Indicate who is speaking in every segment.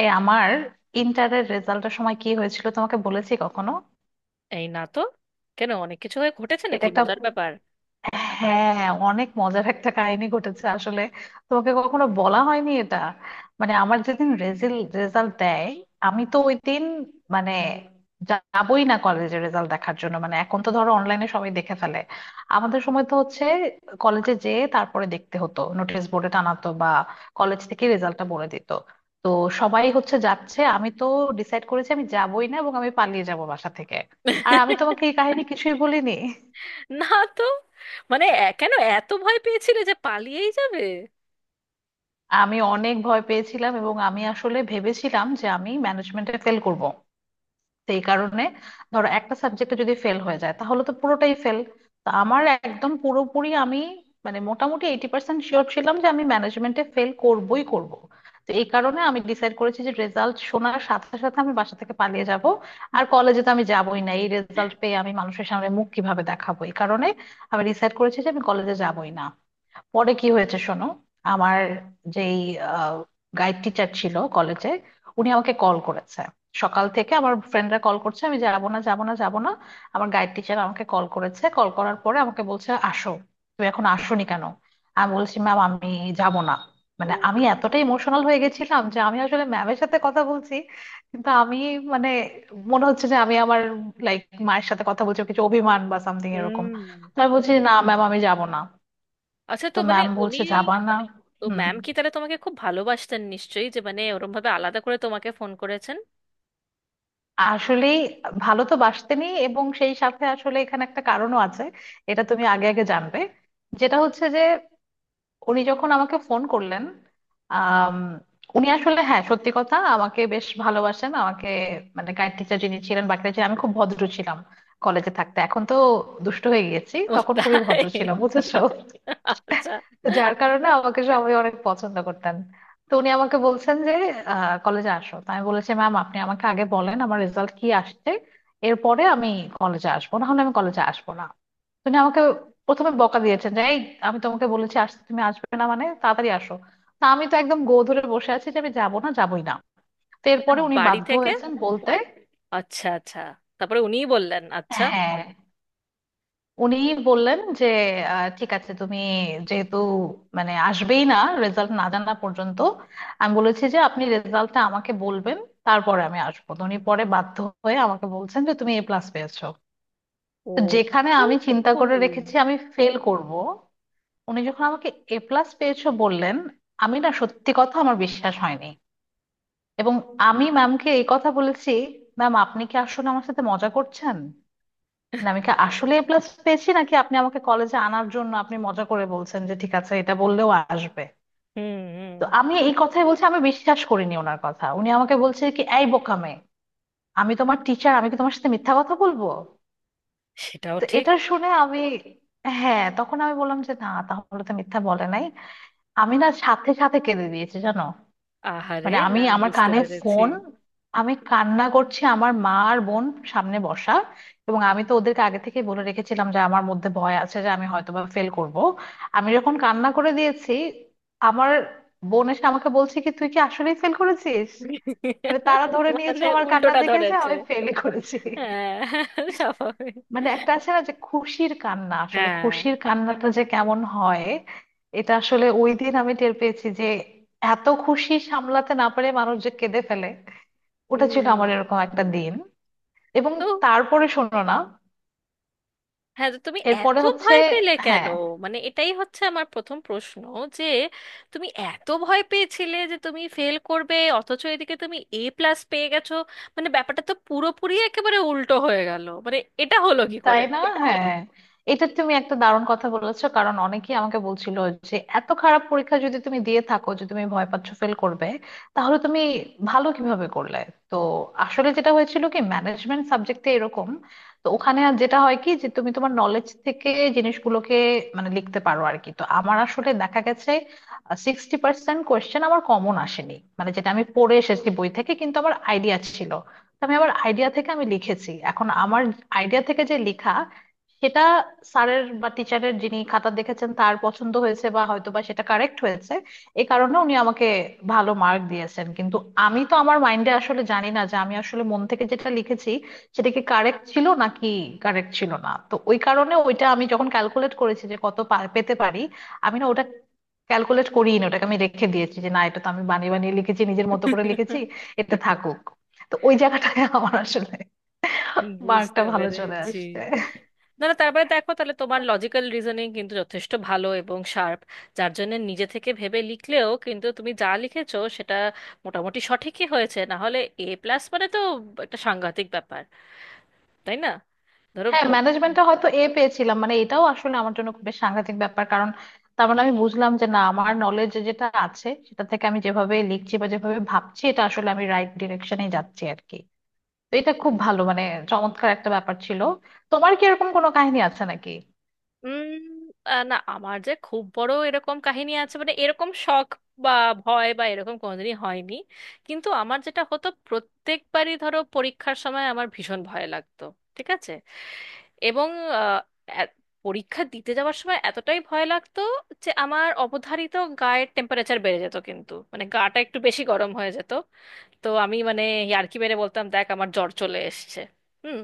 Speaker 1: এই আমার ইন্টারের রেজাল্টের সময় কি হয়েছিল তোমাকে বলেছি কখনো?
Speaker 2: এই না তো। কেন, অনেক কিছু হয়ে ঘটেছে
Speaker 1: এটা
Speaker 2: নাকি?
Speaker 1: একটা
Speaker 2: মজার ব্যাপার।
Speaker 1: হ্যাঁ, অনেক মজার একটা কাহিনী ঘটেছে আসলে। তোমাকে কখনো বলা হয়নি এটা। মানে আমার যেদিন রেজাল্ট দেয়, আমি তো ওই দিন মানে যাবই না কলেজে রেজাল্ট দেখার জন্য। মানে এখন তো ধরো অনলাইনে সবাই দেখে ফেলে, আমাদের সময় তো হচ্ছে কলেজে যেয়ে তারপরে দেখতে হতো, নোটিশ বোর্ডে টানাতো, বা কলেজ থেকে রেজাল্টটা বলে দিত। তো সবাই হচ্ছে যাচ্ছে, আমি তো ডিসাইড করেছি আমি যাবই না, এবং আমি পালিয়ে যাব বাসা থেকে। আর আমি তোমাকে এই কাহিনী কিছুই বলিনি।
Speaker 2: না। তো মানে কেন এত ভয় পেয়েছিলে যে পালিয়েই যাবে?
Speaker 1: আমি অনেক ভয় পেয়েছিলাম, এবং আমি আসলে ভেবেছিলাম যে আমি ম্যানেজমেন্টে ফেল করব। সেই কারণে, ধরো একটা সাবজেক্টে যদি ফেল হয়ে যায় তাহলে তো পুরোটাই ফেল। তো আমার একদম পুরোপুরি আমি মানে মোটামুটি 80% শিওর ছিলাম যে আমি ম্যানেজমেন্টে ফেল করবই করব। তো এই কারণে আমি ডিসাইড করেছি যে রেজাল্ট শোনার সাথে সাথে আমি বাসা থেকে পালিয়ে যাব। আর কলেজে তো আমি যাবই না, এই রেজাল্ট পেয়ে আমি মানুষের সামনে মুখ কিভাবে দেখাবো, এই কারণে আমি ডিসাইড করেছি যে আমি কলেজে যাবই না। পরে কি হয়েছে শোনো। আমার যেই গাইড টিচার ছিল কলেজে, উনি আমাকে কল করেছে। সকাল থেকে আমার ফ্রেন্ডরা কল করছে, আমি যাবো না যাবো না যাবো না। আমার গাইড টিচার আমাকে কল করেছে, কল করার পরে আমাকে বলছে আসো, তুমি এখন আসোনি কেন। আমি বলছি ম্যাম আমি যাব না। মানে
Speaker 2: ও।
Speaker 1: আমি এতটা ইমোশনাল হয়ে গেছিলাম যে আমি আসলে ম্যামের সাথে কথা বলছি কিন্তু আমি মানে মনে হচ্ছে যে আমি আমার লাইক মায়ের সাথে কথা বলছি, কিছু অভিমান বা সামথিং এরকম।
Speaker 2: হুম।
Speaker 1: তো আমি বলছি না ম্যাম আমি যাব না।
Speaker 2: আচ্ছা, তো
Speaker 1: তো
Speaker 2: মানে
Speaker 1: ম্যাম
Speaker 2: উনি...
Speaker 1: বলছে যাবা না।
Speaker 2: তো
Speaker 1: হুম।
Speaker 2: ম্যাম কি তাহলে তোমাকে খুব ভালোবাসতেন নিশ্চয়ই, যে মানে ওরম ভাবে আলাদা করে তোমাকে ফোন করেছেন?
Speaker 1: আসলেই ভালো তো বাসতেনি, এবং সেই সাথে আসলে এখানে একটা কারণও আছে, এটা তুমি আগে আগে জানবে। যেটা হচ্ছে যে উনি যখন আমাকে ফোন করলেন, আম, উনি আসলে হ্যাঁ, সত্যি কথা, আমাকে বেশ ভালোবাসেন আমাকে। মানে গাইড টিচার যিনি ছিলেন বাকিটা ছিলেন, আমি খুব ভদ্র ছিলাম কলেজে থাকতে। এখন তো দুষ্ট হয়ে গেছি,
Speaker 2: ও
Speaker 1: তখন খুবই ভদ্র
Speaker 2: তাই?
Speaker 1: ছিলাম বুঝেছো।
Speaker 2: আচ্ছা
Speaker 1: যার কারণে আমাকে সবাই অনেক পছন্দ করতেন। তো উনি আমাকে বলছেন যে কলেজে আসো, তো আমি বলেছি ম্যাম আপনি আমাকে আগে বলেন আমার রেজাল্ট কি আসছে, এরপরে আমি কলেজে আসবো, না হলে আমি কলেজে আসবো না। তো উনি আমাকে প্রথমে বকা দিয়েছেন যে এই, আমি তোমাকে বলেছি আসতে তুমি আসবে না মানে, তাড়াতাড়ি আসো। তা আমি তো একদম গো ধরে বসে আছি যে আমি যাবো না যাবোই না। তো
Speaker 2: আচ্ছা।
Speaker 1: এরপরে উনি
Speaker 2: বাড়ি
Speaker 1: বাধ্য
Speaker 2: থেকে?
Speaker 1: হয়েছেন বলতে।
Speaker 2: আচ্ছা আচ্ছা। তারপরে উনিই বললেন আচ্ছা?
Speaker 1: হ্যাঁ, উনি বললেন যে ঠিক আছে তুমি যেহেতু মানে আসবেই না রেজাল্ট না জানা পর্যন্ত, আমি বলেছি যে আপনি রেজাল্টটা আমাকে বলবেন তারপরে আমি আসবো। তো উনি পরে বাধ্য হয়ে আমাকে বলছেন যে তুমি এ প্লাস পেয়েছো।
Speaker 2: ও।
Speaker 1: তো যেখানে
Speaker 2: ও,
Speaker 1: আমি চিন্তা করে
Speaker 2: হুম।
Speaker 1: রেখেছি আমি ফেল করব, উনি যখন আমাকে এ প্লাস পেয়েছো বললেন, আমি না সত্যি কথা আমার বিশ্বাস হয়নি। এবং আমি ম্যামকে এই কথা বলেছি, ম্যাম আপনি কি আসলে আমার সাথে মজা করছেন? মানে আমি কি আসলে এ প্লাস পেয়েছি নাকি আপনি আমাকে কলেজে আনার জন্য আপনি মজা করে বলছেন যে ঠিক আছে এটা বললেও আসবে।
Speaker 2: হুম।
Speaker 1: তো আমি এই কথাই বলছি, আমি বিশ্বাস করিনি ওনার কথা। উনি আমাকে বলছে কি এই বোকামে, আমি তোমার টিচার আমি কি তোমার সাথে মিথ্যা কথা বলবো।
Speaker 2: সেটাও
Speaker 1: তো
Speaker 2: ঠিক।
Speaker 1: এটা শুনে আমি, হ্যাঁ তখন আমি বললাম যে না তাহলে তো মিথ্যা বলে নাই। আমি না সাথে সাথে কেঁদে দিয়েছি জানো।
Speaker 2: আহারে।
Speaker 1: মানে আমি
Speaker 2: না,
Speaker 1: আমার
Speaker 2: বুঝতে
Speaker 1: কানে
Speaker 2: পেরেছি।
Speaker 1: ফোন, আমি কান্না করছি, আমার মা আর বোন সামনে বসা, এবং আমি তো ওদেরকে আগে থেকে বলে রেখেছিলাম যে আমার মধ্যে ভয় আছে যে আমি হয়তোবা ফেল করব। আমি যখন কান্না করে দিয়েছি, আমার বোন এসে আমাকে বলছে কি তুই কি আসলেই ফেল করেছিস? মানে তারা ধরে নিয়েছে
Speaker 2: মানে
Speaker 1: আমার কান্না
Speaker 2: উল্টোটা
Speaker 1: দেখেছে
Speaker 2: ধরেছে।
Speaker 1: আমি ফেল করেছি।
Speaker 2: হ্যাঁ, স্বাভাবিক।
Speaker 1: মানে একটা আছে না যে খুশির কান্না, আসলে
Speaker 2: হ্যাঁ।
Speaker 1: খুশির কান্নাটা যে কেমন হয় এটা আসলে ওই দিন আমি টের পেয়েছি, যে এত খুশি সামলাতে না পারে মানুষ যে কেঁদে ফেলে। ওটা ছিল
Speaker 2: হুম।
Speaker 1: আমার এরকম একটা দিন। এবং
Speaker 2: তো,
Speaker 1: তারপরে শোনো না,
Speaker 2: হ্যাঁ, তো তুমি এত
Speaker 1: এরপরে হচ্ছে,
Speaker 2: ভয় পেলে কেন?
Speaker 1: হ্যাঁ।
Speaker 2: মানে এটাই হচ্ছে আমার প্রথম প্রশ্ন, যে তুমি এত ভয় পেয়েছিলে যে তুমি ফেল করবে, অথচ এদিকে তুমি এ প্লাস পেয়ে গেছো। মানে ব্যাপারটা তো পুরোপুরি একেবারে উল্টো হয়ে গেল, মানে এটা হলো কি
Speaker 1: তাই
Speaker 2: করে?
Speaker 1: না, হ্যাঁ। এটা তুমি একটা দারুণ কথা বলেছো কারণ অনেকেই আমাকে বলছিল যে এত খারাপ পরীক্ষা যদি তুমি দিয়ে থাকো যে তুমি ভয় পাচ্ছ ফেল করবে, তাহলে তুমি ভালো কিভাবে করলে। তো আসলে যেটা হয়েছিল কি, ম্যানেজমেন্ট সাবজেক্টে এরকম, তো ওখানে আর যেটা হয় কি যে তুমি তোমার নলেজ থেকে জিনিসগুলোকে মানে লিখতে পারো আর কি। তো আমার আসলে দেখা গেছে 60% কোয়েশ্চেন আমার কমন আসেনি, মানে যেটা আমি পড়ে এসেছি বই থেকে, কিন্তু আমার আইডিয়া ছিল। তো আমি আবার আইডিয়া থেকে আমি লিখেছি। এখন আমার আইডিয়া থেকে যে লেখা, সেটা স্যারের বা টিচারের যিনি খাতা দেখেছেন তার পছন্দ হয়েছে বা হয়তো বা সেটা কারেক্ট হয়েছে। এই কারণে উনি আমাকে ভালো মার্ক দিয়েছেন। কিন্তু আমি তো আমার মাইন্ডে আসলে জানি না যে আমি আসলে মন থেকে যেটা লিখেছি সেটা কি কারেক্ট ছিল নাকি কারেক্ট ছিল না। তো ওই কারণে ওইটা আমি যখন ক্যালকুলেট করেছি যে কত পেতে পারি, আমি না ওটা ক্যালকুলেট করিনি, ওটাকে আমি রেখে দিয়েছি যে না এটা তো আমি বানিয়ে বানিয়ে লিখেছি, নিজের মতো করে লিখেছি, এটা থাকুক। তো ওই জায়গাটায় আমার আসলে
Speaker 2: বুঝতে
Speaker 1: মার্কটা ভালো চলে
Speaker 2: পেরেছি।
Speaker 1: আসছে।
Speaker 2: না না, তারপরে দেখো, তাহলে তোমার লজিক্যাল রিজনিং কিন্তু যথেষ্ট ভালো এবং শার্প, যার জন্য নিজে থেকে ভেবে লিখলেও কিন্তু তুমি যা লিখেছো সেটা মোটামুটি সঠিকই হয়েছে। না হলে এ প্লাস মানে তো একটা সাংঘাতিক ব্যাপার, তাই না? ধরো,
Speaker 1: হ্যাঁ ম্যানেজমেন্টটা হয়তো এ পেয়েছিলাম, মানে এটাও আসলে আমার জন্য খুব বেশ সাংঘাতিক ব্যাপার কারণ তার মানে আমি বুঝলাম যে না আমার নলেজ যেটা আছে সেটা থেকে আমি যেভাবে লিখছি বা যেভাবে ভাবছি, এটা আসলে আমি রাইট ডিরেকশনে যাচ্ছি আর কি। তো এটা খুব ভালো, মানে চমৎকার একটা ব্যাপার ছিল। তোমার কি এরকম কোনো কাহিনী আছে নাকি?
Speaker 2: উম না, আমার যে খুব বড় এরকম কাহিনী আছে, মানে এরকম শখ বা ভয় বা এরকম কোনোদিনই হয়নি। কিন্তু আমার যেটা হতো, প্রত্যেকবারই ধরো পরীক্ষার সময় আমার ভীষণ ভয় লাগতো। ঠিক আছে। এবং আহ, এ- পরীক্ষা দিতে যাওয়ার সময় এতটাই ভয় লাগতো, যে আমার অবধারিত গায়ের টেম্পারেচার বেড়ে যেত, কিন্তু মানে গাটা একটু বেশি গরম হয়ে যেত। তো আমি মানে ইয়ার্কি মেরে বলতাম, দেখ আমার জ্বর চলে এসছে। হুম।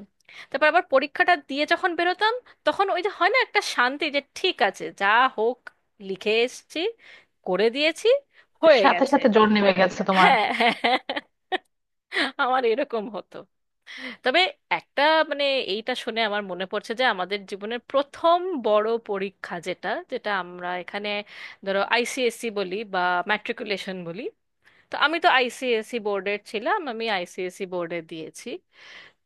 Speaker 2: তারপর আবার পরীক্ষাটা দিয়ে যখন বেরোতাম, তখন ওই যে হয় না একটা শান্তি, যে ঠিক আছে, যা হোক, লিখে এসেছি, করে দিয়েছি, হয়ে
Speaker 1: সাথে
Speaker 2: গেছে।
Speaker 1: সাথে জ্বর নেমে গেছে তোমার?
Speaker 2: হ্যাঁ হ্যাঁ হ্যাঁ। আমার এরকম হতো। তবে একটা মানে এইটা শুনে আমার মনে পড়ছে, যে আমাদের জীবনের প্রথম বড় পরীক্ষা, যেটা যেটা আমরা এখানে ধরো আইসিএসসি বলি বা ম্যাট্রিকুলেশন বলি। তো আমি তো আইসিএসসি বোর্ডের ছিলাম, আমি আইসিএসসি বোর্ডে দিয়েছি।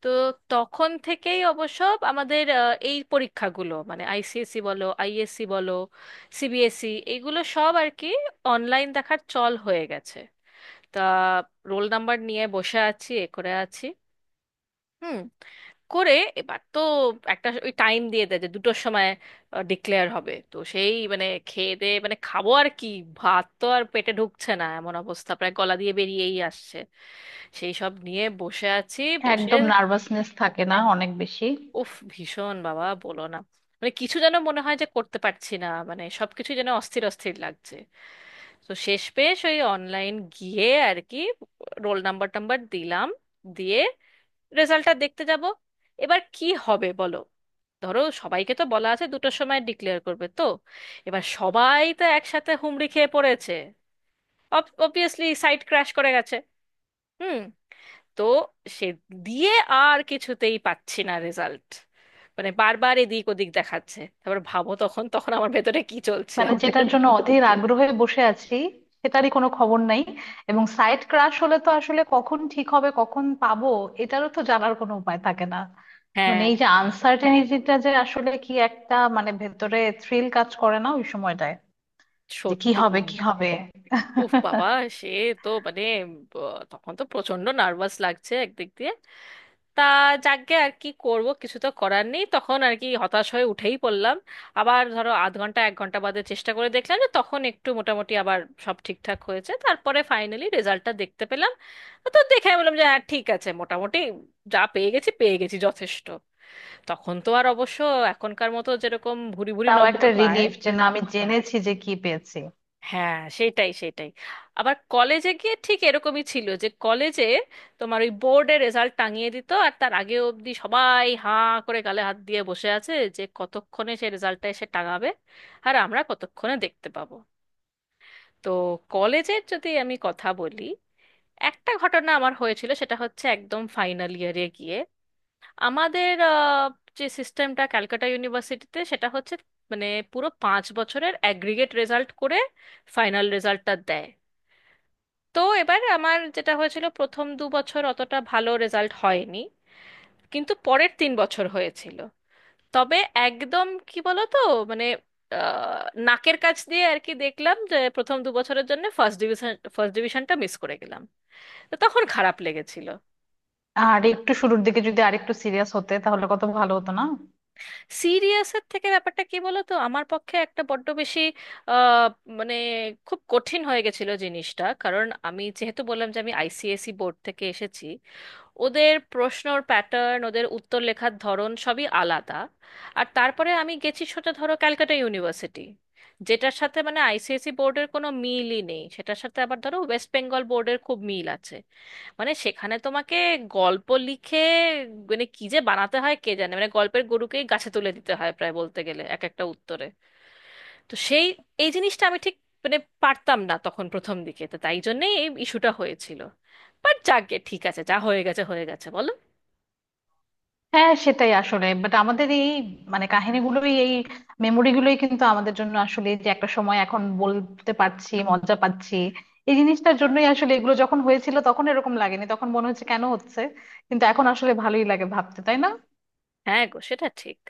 Speaker 2: তো তখন থেকেই অবশ্য আমাদের এই পরীক্ষাগুলো, মানে আইসিএসসি বলো, আইএসসি বলো, সিবিএসসি, এগুলো সব আর কি অনলাইন দেখার চল হয়ে গেছে। তা রোল নাম্বার নিয়ে বসে আছি, এ করে আছি। হুম। করে, এবার তো একটা ওই টাইম দিয়ে দেয় যে দুটোর সময় ডিক্লেয়ার হবে। তো সেই মানে খেয়ে দিয়ে, মানে খাবো আর কি, ভাত তো আর পেটে ঢুকছে না, এমন অবস্থা, প্রায় গলা দিয়ে বেরিয়েই আসছে। সেই সব নিয়ে বসে আছি বসে।
Speaker 1: একদম নার্ভাসনেস থাকে না অনেক বেশি।
Speaker 2: উফ, ভীষণ বাবা, বলো না। মানে কিছু যেন মনে হয় যে করতে পারছি না, মানে সবকিছু যেন অস্থির অস্থির লাগছে। তো শেষ পেশ ওই অনলাইন গিয়ে আর কি রোল নাম্বার টাম্বার দিলাম, দিয়ে রেজাল্টটা দেখতে যাব। এবার কি হবে বলো? ধরো সবাইকে তো বলা আছে দুটোর সময় ডিক্লেয়ার করবে। তো এবার সবাই তো একসাথে হুমড়ি খেয়ে পড়েছে, অবভিয়াসলি সাইট ক্র্যাশ করে গেছে। হুম। তো সে দিয়ে আর কিছুতেই পাচ্ছি না রেজাল্ট। মানে বারবার এদিক ওদিক দেখাচ্ছে। তারপর ভাবো, তখন তখন আমার ভেতরে কি চলছে।
Speaker 1: মানে যেটার জন্য অধীর আগ্রহে বসে আছি সেটারই কোনো খবর নাই, এবং সাইট ক্রাশ হলে তো আসলে কখন ঠিক হবে কখন পাবো এটারও তো জানার কোনো উপায় থাকে না। মানে
Speaker 2: হ্যাঁ।
Speaker 1: এই যে আনসার্টেনিটিটা, যে আসলে কি একটা মানে ভেতরে থ্রিল কাজ করে না ওই সময়টায়, যে কি
Speaker 2: সত্যি।
Speaker 1: হবে কি হবে।
Speaker 2: উফ বাবা। সে তো মানে ব- তখন তো প্রচন্ড নার্ভাস লাগছে একদিক দিয়ে। তা যাকগে, আর কি করব, কিছু তো করার নেই, তখন আর কি হতাশ হয়ে উঠেই পড়লাম। আবার ধরো আধ ঘন্টা এক ঘন্টা বাদে চেষ্টা করে দেখলাম, যে তখন একটু মোটামুটি আবার সব ঠিকঠাক হয়েছে। তারপরে ফাইনালি রেজাল্টটা দেখতে পেলাম। তো দেখে আমি বললাম যে হ্যাঁ ঠিক আছে, মোটামুটি যা পেয়ে গেছি পেয়ে গেছি, যথেষ্ট। তখন তো আর অবশ্য এখনকার মতো যেরকম ভুরি ভুরি
Speaker 1: তাও
Speaker 2: নম্বর
Speaker 1: একটা
Speaker 2: পায়।
Speaker 1: রিলিফ যে না, আমি জেনেছি যে কি পেয়েছি।
Speaker 2: হ্যাঁ, সেটাই সেটাই। আবার কলেজে গিয়ে ঠিক এরকমই ছিল, যে কলেজে তোমার ওই বোর্ডে রেজাল্ট টাঙিয়ে দিত, আর তার আগে অবধি সবাই হাঁ করে গালে হাত দিয়ে বসে আছে, যে কতক্ষণে সে রেজাল্টটা এসে টাঙাবে, আর আমরা কতক্ষণে দেখতে পাবো। তো কলেজের যদি আমি কথা বলি, একটা ঘটনা আমার হয়েছিল, সেটা হচ্ছে একদম ফাইনাল ইয়ারে গিয়ে আমাদের যে সিস্টেমটা ক্যালকাটা ইউনিভার্সিটিতে, সেটা হচ্ছে মানে পুরো 5 বছরের অ্যাগ্রিগেট রেজাল্ট করে ফাইনাল রেজাল্টটা দেয়। তো এবার আমার যেটা হয়েছিল, প্রথম 2 বছর অতটা ভালো রেজাল্ট হয়নি, কিন্তু পরের 3 বছর হয়েছিল। তবে একদম কি বলো তো, মানে আহ, নাকের কাছ দিয়ে আর কি দেখলাম, যে প্রথম 2 বছরের জন্য ফার্স্ট ডিভিশন, ফার্স্ট ডিভিশনটা মিস করে গেলাম। তো তখন খারাপ লেগেছিল।
Speaker 1: আর একটু শুরুর দিকে যদি আরেকটু সিরিয়াস হতে তাহলে কত ভালো হতো না।
Speaker 2: সিরিয়াসের থেকে ব্যাপারটা কি বলো তো, আমার পক্ষে একটা বড্ড বেশি আহ, মানে খুব কঠিন হয়ে গেছিল জিনিসটা, কারণ আমি যেহেতু বললাম যে আমি আইসিএসই বোর্ড থেকে এসেছি, ওদের প্রশ্নর প্যাটার্ন, ওদের উত্তর লেখার ধরন সবই আলাদা। আর তারপরে আমি গেছি সোজা ধরো ক্যালকাটা ইউনিভার্সিটি, যেটার সাথে মানে আইসিএসই বোর্ডের কোনো মিলই নেই, সেটার সাথে আবার ধরো ওয়েস্ট বেঙ্গল বোর্ডের খুব মিল আছে। মানে সেখানে তোমাকে গল্প লিখে, মানে কি যে বানাতে হয় কে জানে, মানে গল্পের গরুকেই গাছে তুলে দিতে হয় প্রায় বলতে গেলে এক একটা উত্তরে। তো সেই এই জিনিসটা আমি ঠিক মানে পারতাম না তখন প্রথম দিকে, তো তাই জন্যেই এই ইস্যুটা হয়েছিল। বাট যাকগে, ঠিক আছে, যা হয়ে গেছে হয়ে গেছে, বলো।
Speaker 1: হ্যাঁ সেটাই আসলে, বাট আমাদের এই মানে কাহিনীগুলোই, এই মেমোরিগুলোই কিন্তু আমাদের জন্য আসলে, যে একটা সময় এখন বলতে পারছি মজা পাচ্ছি এই জিনিসটার জন্যই। আসলে এগুলো যখন হয়েছিল তখন এরকম লাগেনি, তখন মনে হচ্ছে কেন হচ্ছে, কিন্তু এখন আসলে ভালোই লাগে ভাবতে, তাই না।
Speaker 2: হ্যাঁ গো, সেটা ঠিক।